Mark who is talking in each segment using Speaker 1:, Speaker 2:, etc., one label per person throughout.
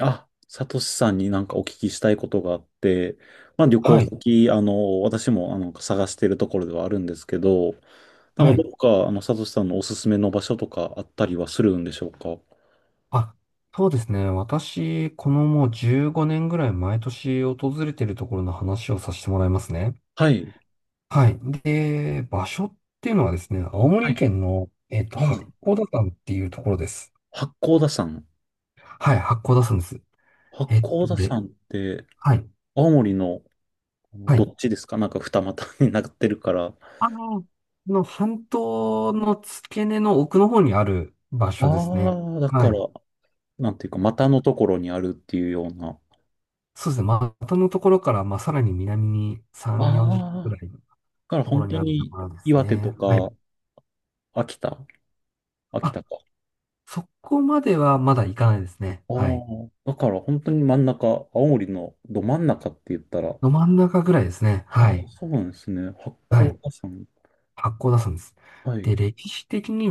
Speaker 1: あ、サトシさんになんかお聞きしたいことがあって、まあ旅行
Speaker 2: はい、
Speaker 1: 先、私も探しているところではあるんですけど、な
Speaker 2: は
Speaker 1: んか
Speaker 2: い。
Speaker 1: どこか、サトシさんのおすすめの場所とかあったりはするんでしょうか？
Speaker 2: あ、そうですね。私、このもう15年ぐらい毎年訪れているところの話をさせてもらいますね。
Speaker 1: はい。
Speaker 2: はい。で、場所っていうのはですね、青
Speaker 1: は
Speaker 2: 森
Speaker 1: い。
Speaker 2: 県の、
Speaker 1: 青
Speaker 2: 八
Speaker 1: 森。
Speaker 2: 甲田山っていうところです。
Speaker 1: 八甲田山。
Speaker 2: はい、八甲田山です。
Speaker 1: 八
Speaker 2: えっ
Speaker 1: 甲
Speaker 2: と、
Speaker 1: 田
Speaker 2: れ、
Speaker 1: 山って、
Speaker 2: はい、
Speaker 1: 青森の
Speaker 2: は
Speaker 1: ど
Speaker 2: い。
Speaker 1: っちですか？なんか二股になってるから。あ
Speaker 2: この半島の付け根の奥の方にある場所ですね。
Speaker 1: あ、だ
Speaker 2: は
Speaker 1: か
Speaker 2: い。
Speaker 1: ら、なんていうか、股のところにあるっていうような。
Speaker 2: そうですね。まあまたのところから、まあ、さらに南に
Speaker 1: あ
Speaker 2: 3、40キロぐ
Speaker 1: あ、
Speaker 2: らい
Speaker 1: だから
Speaker 2: とこ
Speaker 1: 本
Speaker 2: ろに
Speaker 1: 当
Speaker 2: あると
Speaker 1: に
Speaker 2: ころです
Speaker 1: 岩手と
Speaker 2: ね。はい。
Speaker 1: か秋田。秋
Speaker 2: あ、
Speaker 1: 田か。
Speaker 2: そこまではまだ行かないですね。
Speaker 1: あ
Speaker 2: はい。
Speaker 1: あ、だから本当に真ん中、青森のど真ん中って言ったら、
Speaker 2: ど真ん中ぐらいですね。
Speaker 1: あ
Speaker 2: は
Speaker 1: あ、
Speaker 2: い。
Speaker 1: そうなんですね。八
Speaker 2: は
Speaker 1: 甲
Speaker 2: い。
Speaker 1: 田山。
Speaker 2: 発行出すんです。
Speaker 1: はい、
Speaker 2: で、歴史的に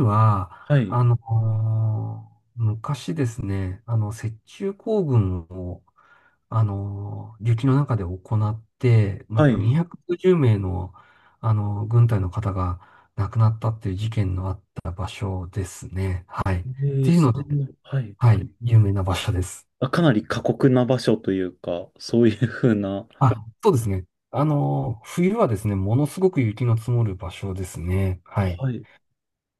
Speaker 1: は
Speaker 2: は、
Speaker 1: い、
Speaker 2: 昔ですね、雪中行軍を、雪の中で行って、ま
Speaker 1: は
Speaker 2: あ、
Speaker 1: い。
Speaker 2: 250名の、軍隊の方が亡くなったっていう事件のあった場所ですね。はい。っ
Speaker 1: え
Speaker 2: て
Speaker 1: え、
Speaker 2: いう
Speaker 1: そ
Speaker 2: の
Speaker 1: ん
Speaker 2: で、
Speaker 1: な、はい。
Speaker 2: はい、有名な場所です。
Speaker 1: あ、かなり過酷な場所というか、そういうふうな、
Speaker 2: あ、そうですね。冬はですね、ものすごく雪の積もる場所ですね。はい。
Speaker 1: はい、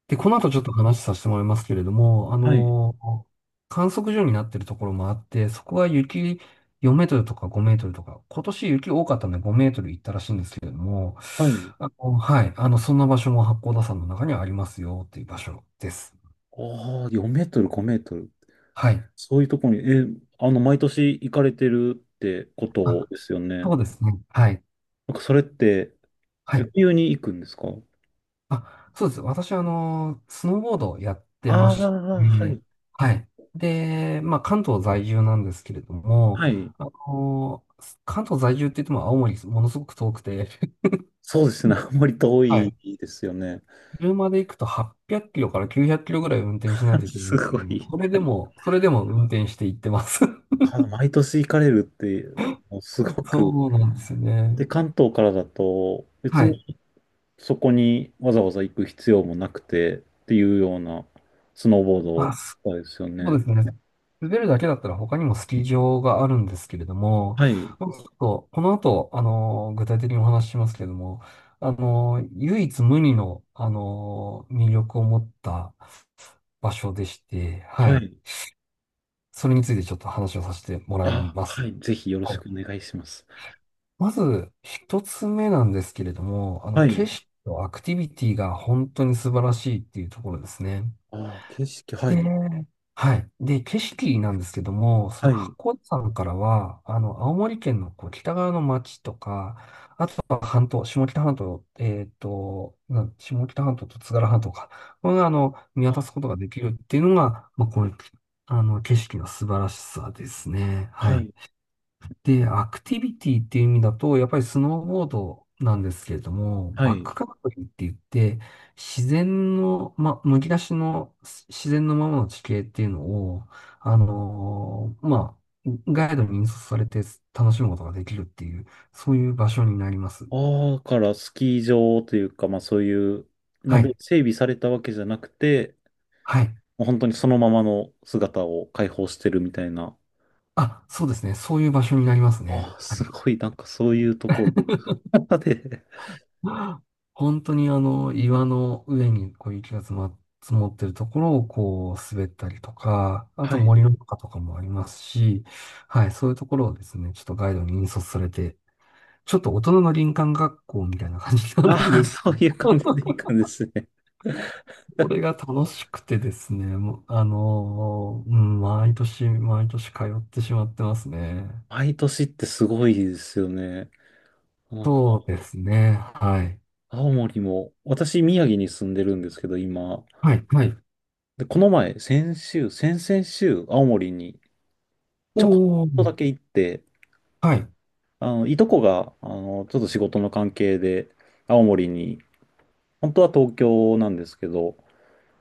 Speaker 2: で、
Speaker 1: あ、
Speaker 2: この後ちょっと話させてもらいますけれども、
Speaker 1: はい、
Speaker 2: 観測所になっているところもあって、そこは雪4メートルとか5メートルとか、今年雪多かったので5メートル行ったらしいんですけれども、
Speaker 1: はい。
Speaker 2: はい。そんな場所も八甲田山の中にはありますよっていう場所です。
Speaker 1: ああ、4メートル、5メートル。
Speaker 2: はい。
Speaker 1: そういうところに、毎年行かれてるってこと
Speaker 2: あ、
Speaker 1: ですよ
Speaker 2: そ
Speaker 1: ね。
Speaker 2: うですね。はい。
Speaker 1: なんかそれって、
Speaker 2: はい。
Speaker 1: 冬に行くんですか？
Speaker 2: あ、そうです。私は、スノーボードをやってま
Speaker 1: ああ
Speaker 2: し
Speaker 1: ー、はい、
Speaker 2: て、はい。で、まあ、関東在住なんですけれども、
Speaker 1: はい。
Speaker 2: あの、関東在住って言っても青森ものすごく遠くて、
Speaker 1: そうですね。あまり遠
Speaker 2: は
Speaker 1: い
Speaker 2: い。
Speaker 1: ですよね。
Speaker 2: 車で行くと800キロから900キロぐらい運転しない といけない
Speaker 1: す
Speaker 2: んです
Speaker 1: ご
Speaker 2: けども、
Speaker 1: い。
Speaker 2: それでも運転して行ってます。
Speaker 1: 毎年行かれるって、もうす ごく。
Speaker 2: そうなんですよ
Speaker 1: で、
Speaker 2: ね。
Speaker 1: 関東からだと、別
Speaker 2: は
Speaker 1: に
Speaker 2: い。
Speaker 1: そこにわざわざ行く必要もなくてっていうようなスノーボ
Speaker 2: まあ、
Speaker 1: ー
Speaker 2: そ
Speaker 1: ドですよ
Speaker 2: うで
Speaker 1: ね。
Speaker 2: すね。滑るだけだったら他にもスキー場があるんですけれども、
Speaker 1: はい。
Speaker 2: まあちょっとこの後、具体的にお話ししますけれども、唯一無二の、魅力を持った場所でして、は
Speaker 1: は
Speaker 2: い。
Speaker 1: い。
Speaker 2: それについてちょっと話をさせてもらい
Speaker 1: あ、
Speaker 2: ます。
Speaker 1: はい。ぜひよろ
Speaker 2: は
Speaker 1: し
Speaker 2: い。
Speaker 1: くお願いします。
Speaker 2: まず、一つ目なんですけれども、
Speaker 1: は
Speaker 2: 景
Speaker 1: い。
Speaker 2: 色とアクティビティが本当に素晴らしいっていうところですね。
Speaker 1: あ、景色、は
Speaker 2: で、
Speaker 1: い。
Speaker 2: はい。で、景色なんですけども、そ
Speaker 1: は
Speaker 2: の八
Speaker 1: い。
Speaker 2: 甲田山からは、青森県のこう北側の町とか、あとは半島、下北半島、下北半島と津軽半島か、これが、見渡
Speaker 1: あ、
Speaker 2: すことができるっていうのが、まあ、こういう、景色の素晴らしさですね。は
Speaker 1: はい。
Speaker 2: い。で、アクティビティっていう意味だと、やっぱりスノーボードなんですけれども、
Speaker 1: は
Speaker 2: バッ
Speaker 1: い。
Speaker 2: クカントリーって言って、自然の、まあ、むき出しの自然のままの地形っていうのを、まあ、ガイドに引率されて楽しむことができるっていう、そういう場所になります。
Speaker 1: ああ、だからスキー場というか、まあそういうの
Speaker 2: は
Speaker 1: で
Speaker 2: い。
Speaker 1: 整備されたわけじゃなくて、
Speaker 2: はい。
Speaker 1: もう本当にそのままの姿を解放してるみたいな。
Speaker 2: あ、そうですね。そういう場所になります
Speaker 1: あ
Speaker 2: ね。
Speaker 1: あ、
Speaker 2: は
Speaker 1: す
Speaker 2: い。
Speaker 1: ごい、なんかそういうところ で、
Speaker 2: 本当に岩の上にこう雪が積もってるところをこう滑ったりとか、あ
Speaker 1: は
Speaker 2: と
Speaker 1: い。
Speaker 2: 森の中とかもありますし、はい、そういうところをですね、ちょっとガイドに引率されて、ちょっと大人の林間学校みたいな感じになるん
Speaker 1: ああ、
Speaker 2: ですけ
Speaker 1: そういう感じ
Speaker 2: ど、
Speaker 1: でいい感じですね。
Speaker 2: これが 楽しくてですね、もううん、毎年毎年通ってしまってますね。
Speaker 1: 毎年ってすごいですよね。なんか、
Speaker 2: そうですね、はい。
Speaker 1: 青森も、私、宮城に住んでるんですけど、今。
Speaker 2: はい、はい。
Speaker 1: で、この前、先週、先々週、青森にちょこっ
Speaker 2: おー、
Speaker 1: とだけ行って、
Speaker 2: はい。
Speaker 1: いとこが、ちょっと仕事の関係で、青森に、本当は東京なんですけど、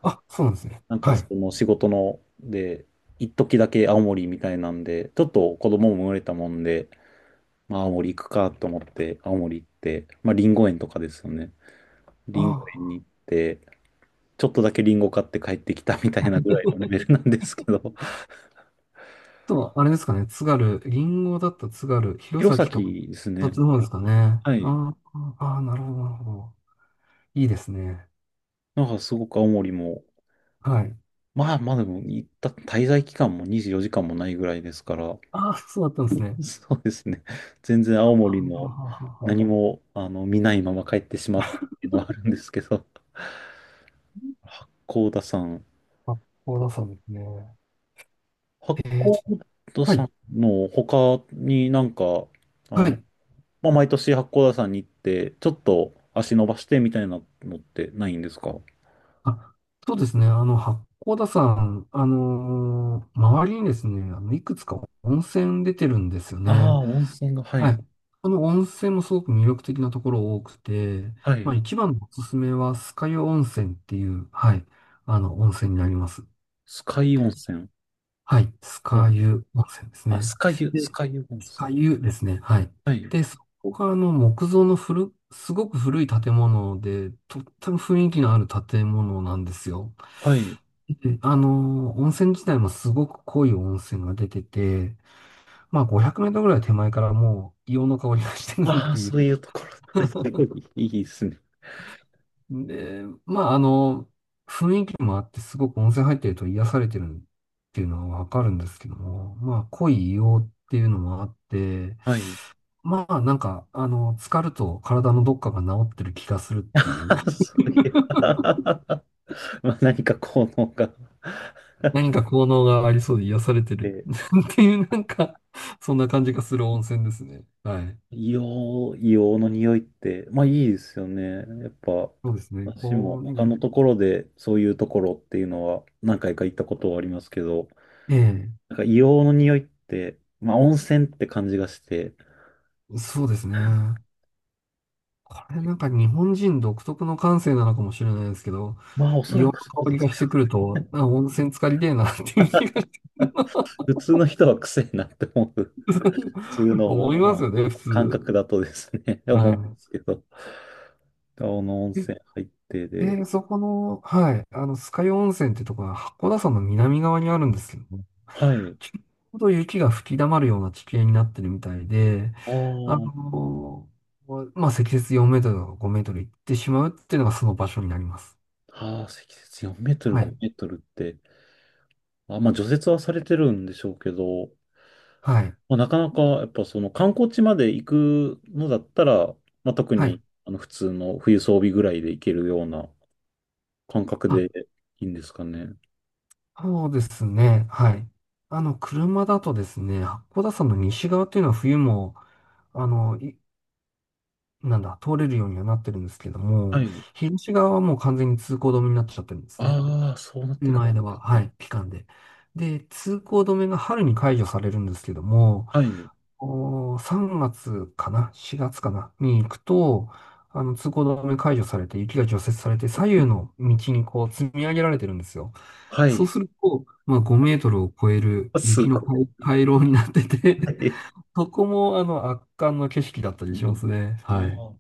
Speaker 2: あ、そうなんですね。
Speaker 1: なんか
Speaker 2: は
Speaker 1: そ
Speaker 2: い。
Speaker 1: の仕事ので、一時だけ青森みたいなんで、ちょっと子供も生まれたもんで、まあ青森行くかと思って青森行って、まあリンゴ園とかですよね。
Speaker 2: あ
Speaker 1: リンゴ園に
Speaker 2: ー
Speaker 1: 行って、ちょっとだけリンゴ買って帰ってきたみたいなぐらいのレベルなんですけど、
Speaker 2: と、あれですかね、津軽、銀ゴだった津軽、弘
Speaker 1: 弘
Speaker 2: 前とか、
Speaker 1: 前です
Speaker 2: そっち
Speaker 1: ね。
Speaker 2: の方ですかね。
Speaker 1: はい。
Speaker 2: ああ、ああなるほど、なるほど。いいですね。
Speaker 1: なんかすごく青森も、
Speaker 2: はい。
Speaker 1: まあまあでも行った滞在期間も24時間もないぐらいですから、
Speaker 2: ああ、そうだったんですね。
Speaker 1: そうですね。全然青
Speaker 2: あ
Speaker 1: 森の
Speaker 2: あ、
Speaker 1: 何も見ないまま帰ってしまったっていうのはあるんですけど、八甲田山
Speaker 2: 八甲
Speaker 1: と、
Speaker 2: 田山ですね。
Speaker 1: 八
Speaker 2: えー、ち
Speaker 1: 甲
Speaker 2: ょ
Speaker 1: 田
Speaker 2: はい、
Speaker 1: 山の他になんか、あ
Speaker 2: は
Speaker 1: の、
Speaker 2: い。
Speaker 1: まあ、毎年八甲田山に行って、ちょっと足伸ばしてみたいなのってないんですか？
Speaker 2: あ、そうですね。八甲田山、周りにですね、いくつか温泉出てるんですよ
Speaker 1: あ
Speaker 2: ね。
Speaker 1: あー、温泉が、は
Speaker 2: は
Speaker 1: い、
Speaker 2: い。この、温泉もすごく魅力的なところ多くて、
Speaker 1: は
Speaker 2: まあ
Speaker 1: い。
Speaker 2: 一番のおすすめは、酸ヶ湯温泉っていう、はい、温泉になります。
Speaker 1: スカイ温泉。
Speaker 2: はい。酸
Speaker 1: ほら、
Speaker 2: ヶ湯温泉です
Speaker 1: あ、ス
Speaker 2: ね。
Speaker 1: カユ、ス
Speaker 2: で、
Speaker 1: カユ温
Speaker 2: 酸ヶ
Speaker 1: 泉。
Speaker 2: 湯ですね。はい。
Speaker 1: はい、
Speaker 2: で、そこが木造のすごく古い建物で、とっても雰囲気のある建物なんですよ。
Speaker 1: はい。
Speaker 2: で、温泉自体もすごく濃い温泉が出てて、まあ500メートルぐらい手前からもう硫黄の香りがしてくるっ
Speaker 1: ああ、
Speaker 2: てい
Speaker 1: そ
Speaker 2: う
Speaker 1: ういうところ。はい、すごいいいですね。
Speaker 2: で、まあ、時もあってすごく温泉入ってると癒されてるっていうのはわかるんですけども、まあ、濃い硫黄っていうのもあって、
Speaker 1: はい。
Speaker 2: まあ、なんか、浸かると体のどっかが治ってる気がするっていう、
Speaker 1: あそういう まあ何か効能があっ
Speaker 2: 何か効能がありそうで癒されてる っていう、なんか、そんな感じがする温泉ですね。はい。
Speaker 1: 硫黄の匂いって、まあいいですよね。やっぱ、
Speaker 2: そうですね。
Speaker 1: 私も
Speaker 2: う
Speaker 1: 他の
Speaker 2: ん、
Speaker 1: ところでそういうところっていうのは何回か行ったことはありますけど、
Speaker 2: え
Speaker 1: なんか硫黄の匂いって、まあ温泉って感じがして、
Speaker 2: え、そうですね。これなんか日本人独特の感性なのかもしれないですけど、
Speaker 1: まあお
Speaker 2: 硫
Speaker 1: そ
Speaker 2: 黄
Speaker 1: ら
Speaker 2: の
Speaker 1: くそう
Speaker 2: 香
Speaker 1: で
Speaker 2: り
Speaker 1: す
Speaker 2: がしてくる
Speaker 1: よ。
Speaker 2: と、
Speaker 1: ね
Speaker 2: あ、温泉浸かりでえなっていう気がして
Speaker 1: 普通の人は癖になって思う。普通 の
Speaker 2: 思い
Speaker 1: を、
Speaker 2: ま
Speaker 1: ま
Speaker 2: す
Speaker 1: あ、
Speaker 2: よね、普
Speaker 1: 感
Speaker 2: 通。
Speaker 1: 覚だとですね、思うんで
Speaker 2: は
Speaker 1: すけど、青の温
Speaker 2: い。
Speaker 1: 泉入って
Speaker 2: で、
Speaker 1: で、
Speaker 2: でそこの、はい、酸ヶ湯温泉ってとこは函館山の南側にあるんですけども、
Speaker 1: はい。
Speaker 2: ちょうど雪が吹き溜まるような地形になってるみたいで、
Speaker 1: あ
Speaker 2: あ
Speaker 1: ー
Speaker 2: のまあ、積雪4メートルとか5メートル行ってしまうっていうのがその場所になります。
Speaker 1: あー、積雪4メートル、
Speaker 2: は
Speaker 1: 5
Speaker 2: い。
Speaker 1: メートルって、あ、まあ除雪はされてるんでしょうけど、
Speaker 2: はい。
Speaker 1: まあ、なかなかやっぱその観光地まで行くのだったら、まあ、特
Speaker 2: は
Speaker 1: に
Speaker 2: い。
Speaker 1: 普通の冬装備ぐらいで行けるような感覚
Speaker 2: あ、
Speaker 1: でいいんですかね。
Speaker 2: そうですね。はい。車だとですね、八甲田山の西側っていうのは冬も、あの、いなんだ、通れるようにはなってるんですけど
Speaker 1: は
Speaker 2: も、
Speaker 1: い。
Speaker 2: 東側はもう完全に通行止めになっちゃってるんですね。
Speaker 1: ああ、そうなってくる
Speaker 2: 今
Speaker 1: ん
Speaker 2: で
Speaker 1: で
Speaker 2: は、
Speaker 1: す
Speaker 2: は
Speaker 1: ね。
Speaker 2: い、期間で。で、通行止めが春に解除されるんですけども、
Speaker 1: はい。
Speaker 2: 3月かな？ 4 月かなに行くと、通行止め解除されて、雪が除雪されて、左右の道にこう積み上げられてるんですよ。
Speaker 1: は
Speaker 2: そう
Speaker 1: い。
Speaker 2: すると、まあ、5メートルを超える
Speaker 1: あす
Speaker 2: 雪の
Speaker 1: ごい。
Speaker 2: 回 回廊になって
Speaker 1: は
Speaker 2: て
Speaker 1: い。
Speaker 2: そこも、圧巻の景色だったりしますね。
Speaker 1: あ
Speaker 2: はい。
Speaker 1: あ。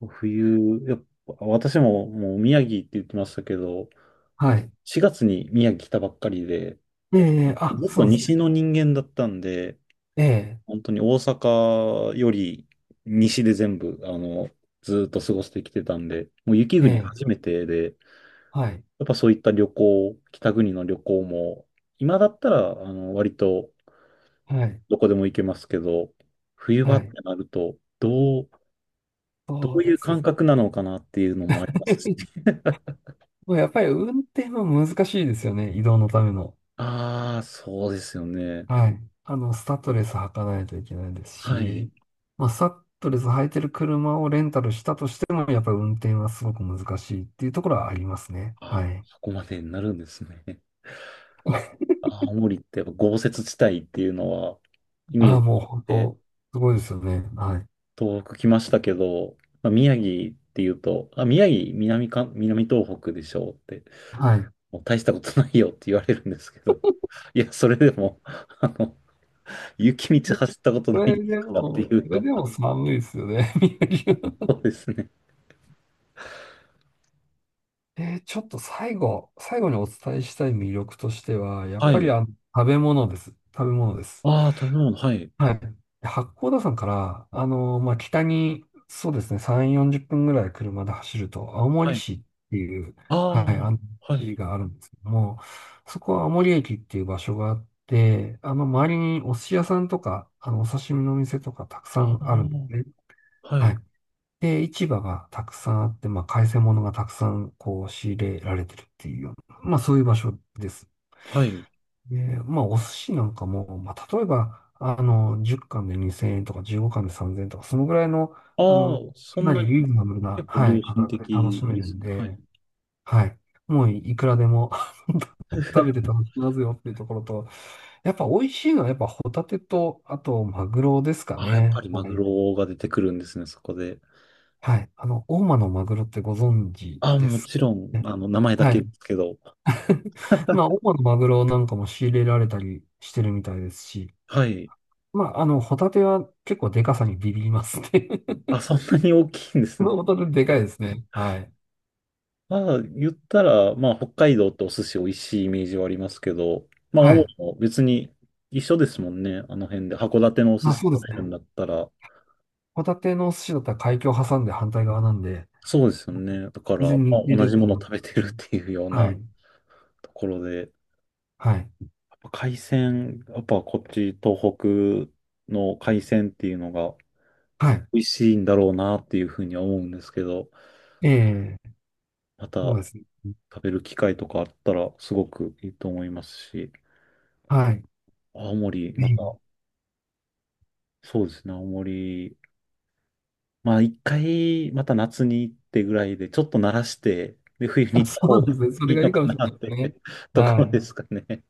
Speaker 1: 冬、やっぱ私ももう宮城って言ってましたけど、
Speaker 2: はい。
Speaker 1: 4月に宮城来たばっかりで、
Speaker 2: ええ、あ、
Speaker 1: ずっ
Speaker 2: そ
Speaker 1: と
Speaker 2: うですね。
Speaker 1: 西の人間だったんで、
Speaker 2: ええ、
Speaker 1: 本当に大阪より西で全部、ずっと過ごしてきてたんで、もう雪
Speaker 2: え
Speaker 1: 国
Speaker 2: え、
Speaker 1: 初めてで、
Speaker 2: はい。
Speaker 1: やっぱそういった旅行、北国の旅行も、今だったら、割と
Speaker 2: はい。
Speaker 1: どこでも行けますけど、冬場
Speaker 2: は
Speaker 1: って
Speaker 2: い。
Speaker 1: なると、ど
Speaker 2: そう
Speaker 1: うい
Speaker 2: で
Speaker 1: う
Speaker 2: すよ
Speaker 1: 感
Speaker 2: ね。
Speaker 1: 覚なのかなっていうのもありますし、
Speaker 2: まあやっぱり運転は難しいですよね。移動のための。
Speaker 1: ああ、そうですよね。
Speaker 2: はい。スタッドレス履かないといけないです
Speaker 1: はい。
Speaker 2: し、まあ、スタッドレス履いてる車をレンタルしたとしても、やっぱり運転はすごく難しいっていうところはありますね。
Speaker 1: あ、
Speaker 2: はい。
Speaker 1: そこまでになるんですね。青森ってやっぱ豪雪地帯っていうのは、イメー
Speaker 2: ああ、
Speaker 1: ジ
Speaker 2: も
Speaker 1: が
Speaker 2: う
Speaker 1: あっ
Speaker 2: 本
Speaker 1: て、
Speaker 2: 当、すごいですよね。はい。
Speaker 1: 東北来ましたけど、まあ、宮城っていうと、あ、宮城、南か、南東北でしょうって、
Speaker 2: はい。
Speaker 1: もう大したことないよって言われるんですけど、いや、それでも、雪道走ったことないですからっていう
Speaker 2: それ
Speaker 1: の
Speaker 2: で
Speaker 1: が、
Speaker 2: も寒いですよね、宮城は。
Speaker 1: そうですね。
Speaker 2: ちょっと最後にお伝えしたい魅力としては、やっ
Speaker 1: は
Speaker 2: ぱ
Speaker 1: い。
Speaker 2: り食べ物です。食べ物です。
Speaker 1: ああ、食べ物、はい。
Speaker 2: はい。八甲田山から、まあ、北に、そうですね、3、40分ぐらい車で走ると、青
Speaker 1: は
Speaker 2: 森
Speaker 1: い。
Speaker 2: 市っていう、
Speaker 1: あ
Speaker 2: は
Speaker 1: あ、
Speaker 2: い、
Speaker 1: は
Speaker 2: 市
Speaker 1: い。
Speaker 2: があるんですけども、そこは青森駅っていう場所があって、周りにお寿司屋さんとか、お刺身のお店とかたくさ
Speaker 1: あ
Speaker 2: んあるんです
Speaker 1: あ、
Speaker 2: ね。
Speaker 1: は
Speaker 2: は
Speaker 1: い。
Speaker 2: い。で、市場がたくさんあって、まあ、海鮮物がたくさん、仕入れられてるっていうような、まあ、そういう場所です。
Speaker 1: はい。
Speaker 2: で、まあ、お寿司なんかも、まあ、例えば、10貫で2000円とか15貫で3000円とか、そのぐらいの、
Speaker 1: あ
Speaker 2: あ
Speaker 1: あ、
Speaker 2: の、
Speaker 1: そ
Speaker 2: か
Speaker 1: ん
Speaker 2: な
Speaker 1: な
Speaker 2: りリ
Speaker 1: に
Speaker 2: ーズナブルな、
Speaker 1: 結構
Speaker 2: はい、
Speaker 1: 良
Speaker 2: 価
Speaker 1: 心
Speaker 2: 格で楽
Speaker 1: 的
Speaker 2: しめ
Speaker 1: で
Speaker 2: るん
Speaker 1: すね。はい。
Speaker 2: で、はい。もういくらでも 食べて 楽しみますよっていうところと、やっぱ美味しいのはやっぱホタテと、あとマグロですか
Speaker 1: ああ、やっぱ
Speaker 2: ね。
Speaker 1: りマ
Speaker 2: は
Speaker 1: グ
Speaker 2: い。
Speaker 1: ロが出てくるんですね、そこで。
Speaker 2: はい。大間のマグロってご存知
Speaker 1: ああ、
Speaker 2: で
Speaker 1: も
Speaker 2: すか
Speaker 1: ちろん、
Speaker 2: ね。
Speaker 1: 名前だ
Speaker 2: は
Speaker 1: け
Speaker 2: い。
Speaker 1: ですけど。
Speaker 2: まあ、大間のマグロなんかも仕入れられたりしてるみたいですし、
Speaker 1: はい。
Speaker 2: まあ、ホタテは結構でかさにビビりますね。
Speaker 1: あ、そんなに大きいんですね。
Speaker 2: ホタテでかいですね。はい。
Speaker 1: まあ、言ったら、まあ、北海道ってお寿司美味しいイメージはありますけど、まあ、青
Speaker 2: はい。
Speaker 1: 森も別に一緒ですもんね、あの辺で。函館のお寿
Speaker 2: まあ、
Speaker 1: 司食
Speaker 2: そうで
Speaker 1: べ
Speaker 2: す
Speaker 1: るん
Speaker 2: ね。
Speaker 1: だったら。
Speaker 2: ホタテのお寿司だったら海峡を挟んで反対側なんで、
Speaker 1: そうですよね。だか
Speaker 2: 全
Speaker 1: ら、ま
Speaker 2: 然似
Speaker 1: あ、
Speaker 2: て
Speaker 1: 同
Speaker 2: る
Speaker 1: じも
Speaker 2: と
Speaker 1: のを
Speaker 2: 思いま
Speaker 1: 食べて
Speaker 2: す
Speaker 1: る
Speaker 2: ね。
Speaker 1: っていうよう
Speaker 2: は
Speaker 1: な
Speaker 2: い。
Speaker 1: ところで。
Speaker 2: はい。
Speaker 1: 海鮮、やっぱこっち東北の海鮮っていうのが
Speaker 2: はい。
Speaker 1: 美味しいんだろうなっていうふうには思うんですけど、
Speaker 2: ええ、
Speaker 1: ま
Speaker 2: そう
Speaker 1: た
Speaker 2: ですね。
Speaker 1: 食べる機会とかあったらすごくいいと思いますし、
Speaker 2: はい。
Speaker 1: 青森、
Speaker 2: ぜ
Speaker 1: また、
Speaker 2: ひ。
Speaker 1: そうですね、青森、まあ一回また夏に行ってぐらいで、ちょっと慣らして、で、冬に
Speaker 2: あ、
Speaker 1: 行っ
Speaker 2: そ
Speaker 1: た方
Speaker 2: うで
Speaker 1: が
Speaker 2: すね。そ
Speaker 1: い
Speaker 2: れ
Speaker 1: い
Speaker 2: が
Speaker 1: の
Speaker 2: いいか
Speaker 1: か
Speaker 2: もしれ
Speaker 1: な
Speaker 2: ない
Speaker 1: っ
Speaker 2: ですね。
Speaker 1: て と
Speaker 2: は
Speaker 1: ころで
Speaker 2: い。
Speaker 1: すかね。